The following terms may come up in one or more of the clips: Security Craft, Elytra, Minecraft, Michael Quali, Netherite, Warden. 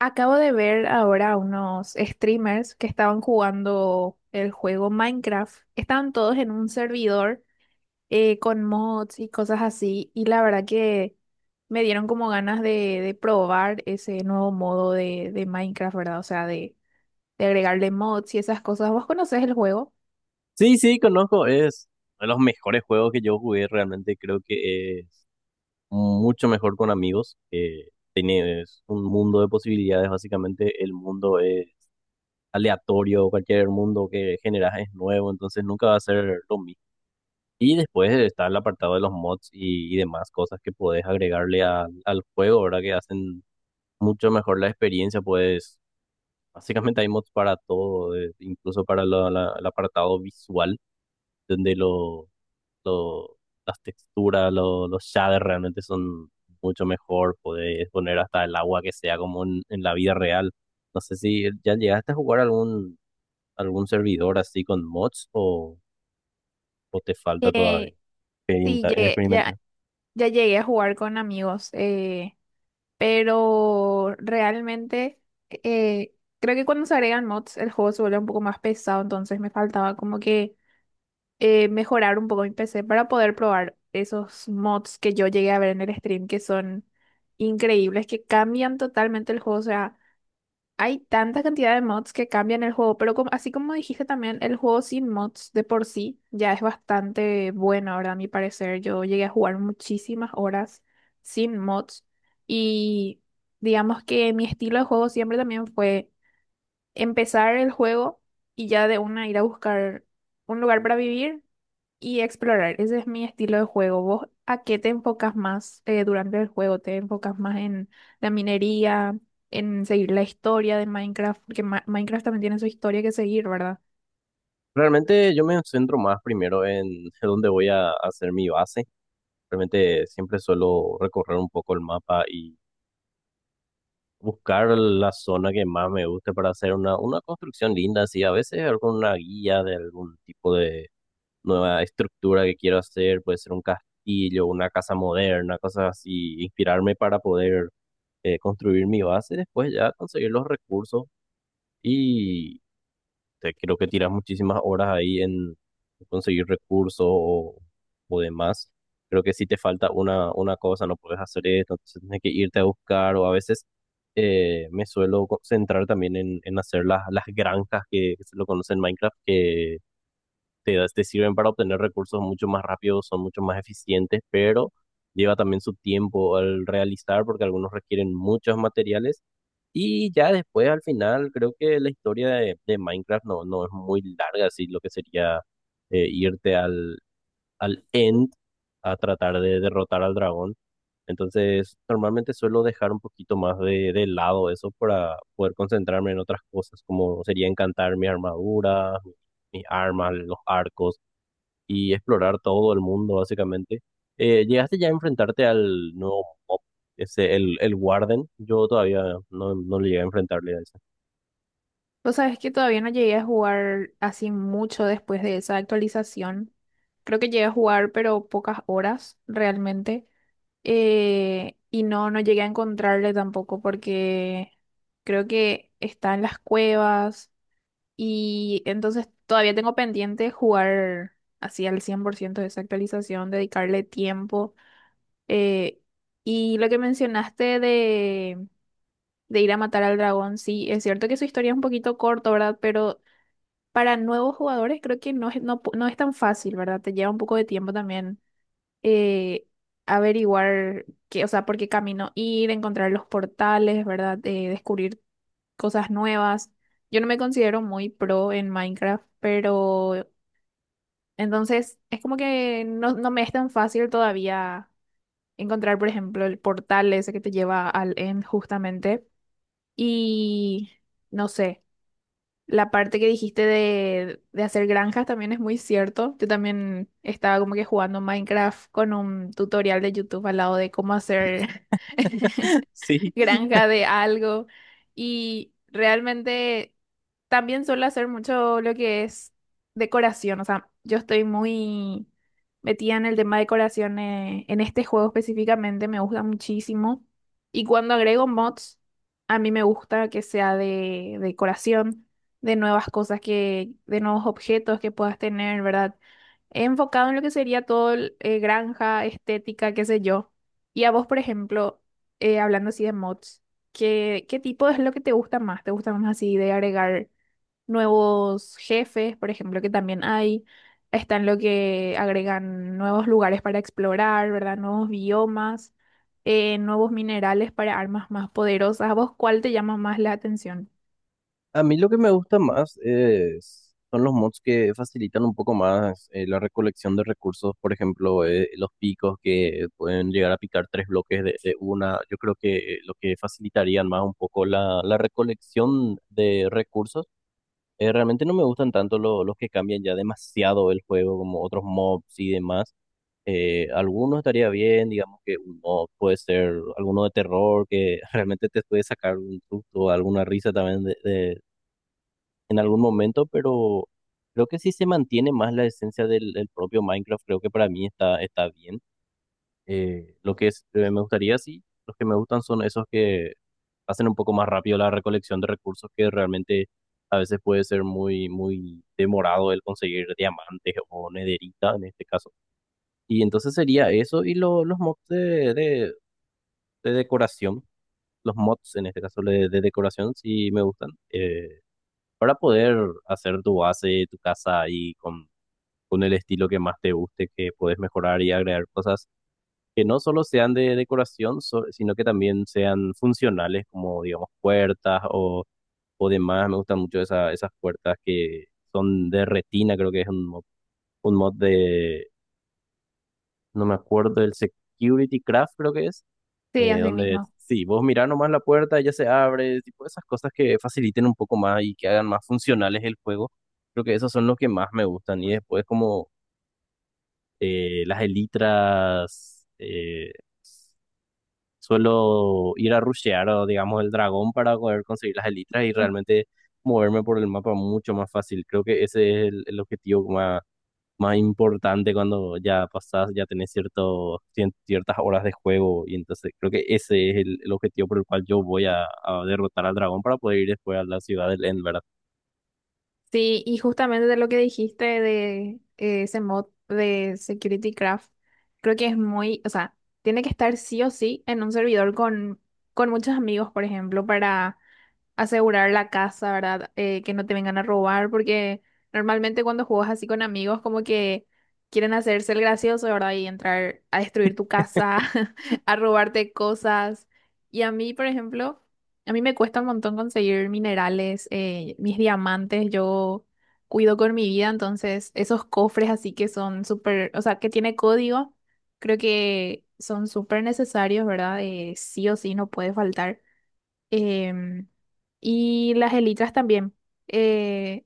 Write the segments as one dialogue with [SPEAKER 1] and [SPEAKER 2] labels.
[SPEAKER 1] Acabo de ver ahora unos streamers que estaban jugando el juego Minecraft. Estaban todos en un servidor con mods y cosas así. Y la verdad que me dieron como ganas de probar ese nuevo modo de Minecraft, ¿verdad? O sea, de agregarle mods y esas cosas. ¿Vos conocés el juego?
[SPEAKER 2] Sí, sí, conozco. Es uno de los mejores juegos que yo jugué. Realmente creo que es mucho mejor con amigos. Tienes un mundo de posibilidades. Básicamente, el mundo es aleatorio. Cualquier mundo que generas es nuevo. Entonces, nunca va a ser lo mismo. Y después está el apartado de los mods y demás cosas que puedes agregarle al juego, ¿verdad? Que hacen mucho mejor la experiencia. Pues, básicamente, hay mods para todo, incluso para el apartado visual, donde los lo- las texturas, los shaders realmente son mucho mejor. Podés poner hasta el agua que sea como en la vida real. No sé si ya llegaste a jugar algún servidor así con mods o te falta todavía
[SPEAKER 1] Eh, sí, llegué-
[SPEAKER 2] experimentar.
[SPEAKER 1] ya, ya llegué a jugar con amigos. Pero realmente eh, creo que cuando se agregan mods el juego se vuelve un poco más pesado, entonces me faltaba como que mejorar un poco mi PC para poder probar esos mods que yo llegué a ver en el stream que son increíbles, que cambian totalmente el juego. O sea, hay tanta cantidad de mods que cambian el juego, pero así como dijiste también, el juego sin mods de por sí ya es bastante bueno, ahora, a mi parecer, yo llegué a jugar muchísimas horas sin mods, y digamos que mi estilo de juego siempre también fue empezar el juego y ya de una ir a buscar un lugar para vivir y explorar. Ese es mi estilo de juego. ¿Vos a qué te enfocas más durante el juego? ¿Te enfocas más en la minería, en seguir la historia de Minecraft? Porque Minecraft también tiene su historia que seguir, ¿verdad?
[SPEAKER 2] Realmente yo me centro más primero en dónde voy a hacer mi base. Realmente siempre suelo recorrer un poco el mapa y buscar la zona que más me guste para hacer una construcción linda, así a veces con una guía de algún tipo de nueva estructura que quiero hacer, puede ser un castillo, una casa moderna, cosas así, inspirarme para poder construir mi base, después ya conseguir los recursos y creo que tiras muchísimas horas ahí en conseguir recursos o demás. Creo que si te falta una cosa, no puedes hacer esto, entonces tienes que irte a buscar o a veces me suelo centrar también en hacer las granjas que se lo conocen en Minecraft, que te sirven para obtener recursos mucho más rápidos, son mucho más eficientes, pero lleva también su tiempo al realizar porque algunos requieren muchos materiales. Y ya después, al final, creo que la historia de Minecraft no es muy larga, así lo que sería irte al end a tratar de derrotar al dragón. Entonces, normalmente suelo dejar un poquito más de lado eso para poder concentrarme en otras cosas, como sería encantar mi armadura, mis armas, los arcos y explorar todo el mundo, básicamente. ¿Llegaste ya a enfrentarte al nuevo mob, ese, el Warden? Yo todavía no le llegué a enfrentarle a ese.
[SPEAKER 1] Vos sabés que todavía no llegué a jugar así mucho después de esa actualización. Creo que llegué a jugar, pero pocas horas realmente. Y no, no llegué a encontrarle tampoco porque creo que está en las cuevas. Y entonces todavía tengo pendiente jugar así al 100% de esa actualización, dedicarle tiempo. Eh, y lo que mencionaste de ir a matar al dragón, sí, es cierto que su historia es un poquito corta, ¿verdad? Pero para nuevos jugadores creo que no es tan fácil, ¿verdad? Te lleva un poco de tiempo también, eh, averiguar qué, o sea, por qué camino ir, encontrar los portales, ¿verdad? Descubrir cosas nuevas. Yo no me considero muy pro en Minecraft, pero entonces es como que no me es tan fácil todavía encontrar, por ejemplo, el portal ese que te lleva al end justamente. Y no sé, la parte que dijiste de hacer granjas también es muy cierto. Yo también estaba como que jugando Minecraft con un tutorial de YouTube al lado de cómo hacer
[SPEAKER 2] Sí,
[SPEAKER 1] granja de algo, y realmente también suelo hacer mucho lo que es decoración, o sea, yo estoy muy metida en el tema de decoración en este juego específicamente, me gusta muchísimo. Y cuando agrego mods, a mí me gusta que sea de decoración, de nuevas de nuevos objetos que puedas tener, ¿verdad? Enfocado en lo que sería todo el, granja, estética, qué sé yo. Y a vos, por ejemplo, hablando así de mods, ¿ qué tipo es lo que te gusta más? ¿Te gusta más así de agregar nuevos jefes, por ejemplo, que también hay? Están lo que agregan nuevos lugares para explorar, ¿verdad? Nuevos biomas, nuevos minerales para armas más poderosas. ¿A vos cuál te llama más la atención?
[SPEAKER 2] a mí lo que me gusta más es, son los mods que facilitan un poco más la recolección de recursos, por ejemplo, los picos que pueden llegar a picar tres bloques de una. Yo creo que lo que facilitarían más un poco la recolección de recursos. Realmente no me gustan tanto los que cambian ya demasiado el juego, como otros mobs y demás. Algunos estaría bien, digamos que un mob puede ser alguno de terror que realmente te puede sacar un susto, alguna risa también en algún momento, pero creo que si se mantiene más la esencia del, del propio Minecraft, creo que para mí está, está bien. Me gustaría, sí, los que me gustan son esos que hacen un poco más rápido la recolección de recursos, que realmente a veces puede ser muy, muy demorado el conseguir diamantes o nederita en este caso. Y entonces sería eso y los mods de decoración, los mods en este caso de decoración, sí me gustan, para poder hacer tu base, tu casa y con el estilo que más te guste, que puedes mejorar y agregar cosas que no solo sean de decoración, sino que también sean funcionales, como digamos puertas o demás. Me gustan mucho esas puertas que son de retina, creo que es un mod, un mod de, no me acuerdo, el Security Craft creo que es,
[SPEAKER 1] Sí, así
[SPEAKER 2] donde
[SPEAKER 1] mismo.
[SPEAKER 2] sí, vos mirás nomás la puerta, ya se abre, tipo esas cosas que faciliten un poco más y que hagan más funcionales el juego. Creo que esos son los que más me gustan. Y después como las elitras. Suelo ir a rushear, o, digamos, el dragón para poder conseguir las elitras y realmente moverme por el mapa mucho más fácil. Creo que ese es el objetivo más, más importante cuando ya pasás, ya tenés cierto, ciertas horas de juego. Y entonces creo que ese es el objetivo por el cual yo voy a derrotar al dragón para poder ir después a la ciudad del End, ¿verdad?
[SPEAKER 1] Sí, y justamente de lo que dijiste de ese mod de Security Craft, creo que es muy, o sea, tiene que estar sí o sí en un servidor con muchos amigos, por ejemplo, para asegurar la casa, ¿verdad? Que no te vengan a robar, porque normalmente cuando juegas así con amigos, como que quieren hacerse el gracioso, ¿verdad? Y entrar a destruir tu casa, a robarte cosas. Y a mí, por ejemplo, a mí me cuesta un montón conseguir minerales, mis diamantes, yo cuido con mi vida, entonces esos cofres así que son súper, o sea, que tiene código, creo que son súper necesarios, ¿verdad? Sí o sí, no puede faltar. Em, y las elitras también. Eh,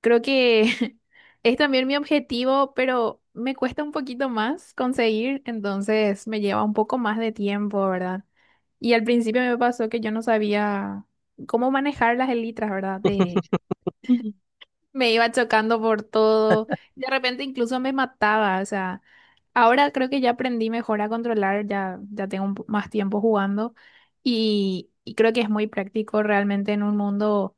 [SPEAKER 1] Creo que es también mi objetivo, pero me cuesta un poquito más conseguir, entonces me lleva un poco más de tiempo, ¿verdad? Y al principio me pasó que yo no sabía cómo manejar las elitras, ¿verdad? De Me iba chocando por todo. De repente incluso me mataba. O sea, ahora creo que ya aprendí mejor a controlar, ya, ya tengo un más tiempo jugando, y creo que es muy práctico realmente en un mundo,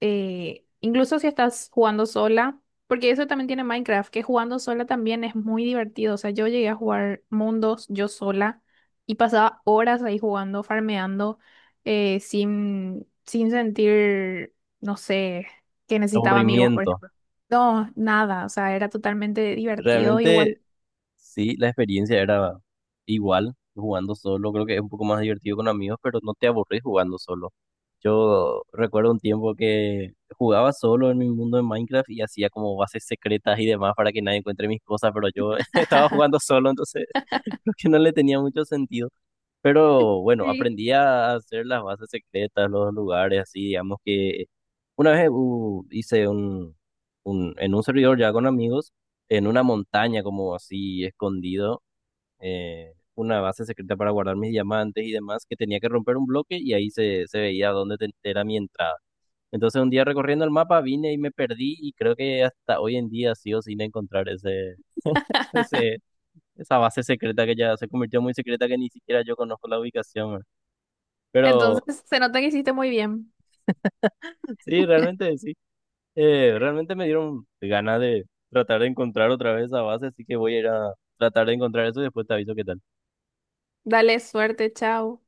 [SPEAKER 1] incluso si estás jugando sola, porque eso también tiene Minecraft, que jugando sola también es muy divertido. O sea, yo llegué a jugar mundos yo sola y pasaba horas ahí jugando, farmeando, sin sentir, no sé, que necesitaba amigos, por
[SPEAKER 2] Aburrimiento.
[SPEAKER 1] ejemplo. No, nada, o sea, era totalmente divertido
[SPEAKER 2] Realmente
[SPEAKER 1] igual.
[SPEAKER 2] sí, la experiencia era igual jugando solo. Creo que es un poco más divertido con amigos, pero no te aburrís jugando solo. Yo recuerdo un tiempo que jugaba solo en mi mundo de Minecraft y hacía como bases secretas y demás para que nadie encuentre mis cosas, pero yo estaba jugando solo, entonces creo que no le tenía mucho sentido. Pero bueno,
[SPEAKER 1] Sí.
[SPEAKER 2] aprendí a hacer las bases secretas, los lugares, así, digamos que una vez hice en un servidor ya con amigos, en una montaña como así escondido, una base secreta para guardar mis diamantes y demás, que tenía que romper un bloque y ahí se veía dónde era mi entrada. Entonces un día recorriendo el mapa vine y me perdí y creo que hasta hoy en día sigo sin encontrar ese, ese, esa base secreta que ya se convirtió en muy secreta que ni siquiera yo conozco la ubicación, ¿verdad?
[SPEAKER 1] Entonces,
[SPEAKER 2] Pero
[SPEAKER 1] se nota que hiciste muy bien.
[SPEAKER 2] sí, realmente sí. Realmente me dieron ganas de tratar de encontrar otra vez esa base, así que voy a ir a tratar de encontrar eso y después te aviso qué tal.
[SPEAKER 1] Dale, suerte, chao.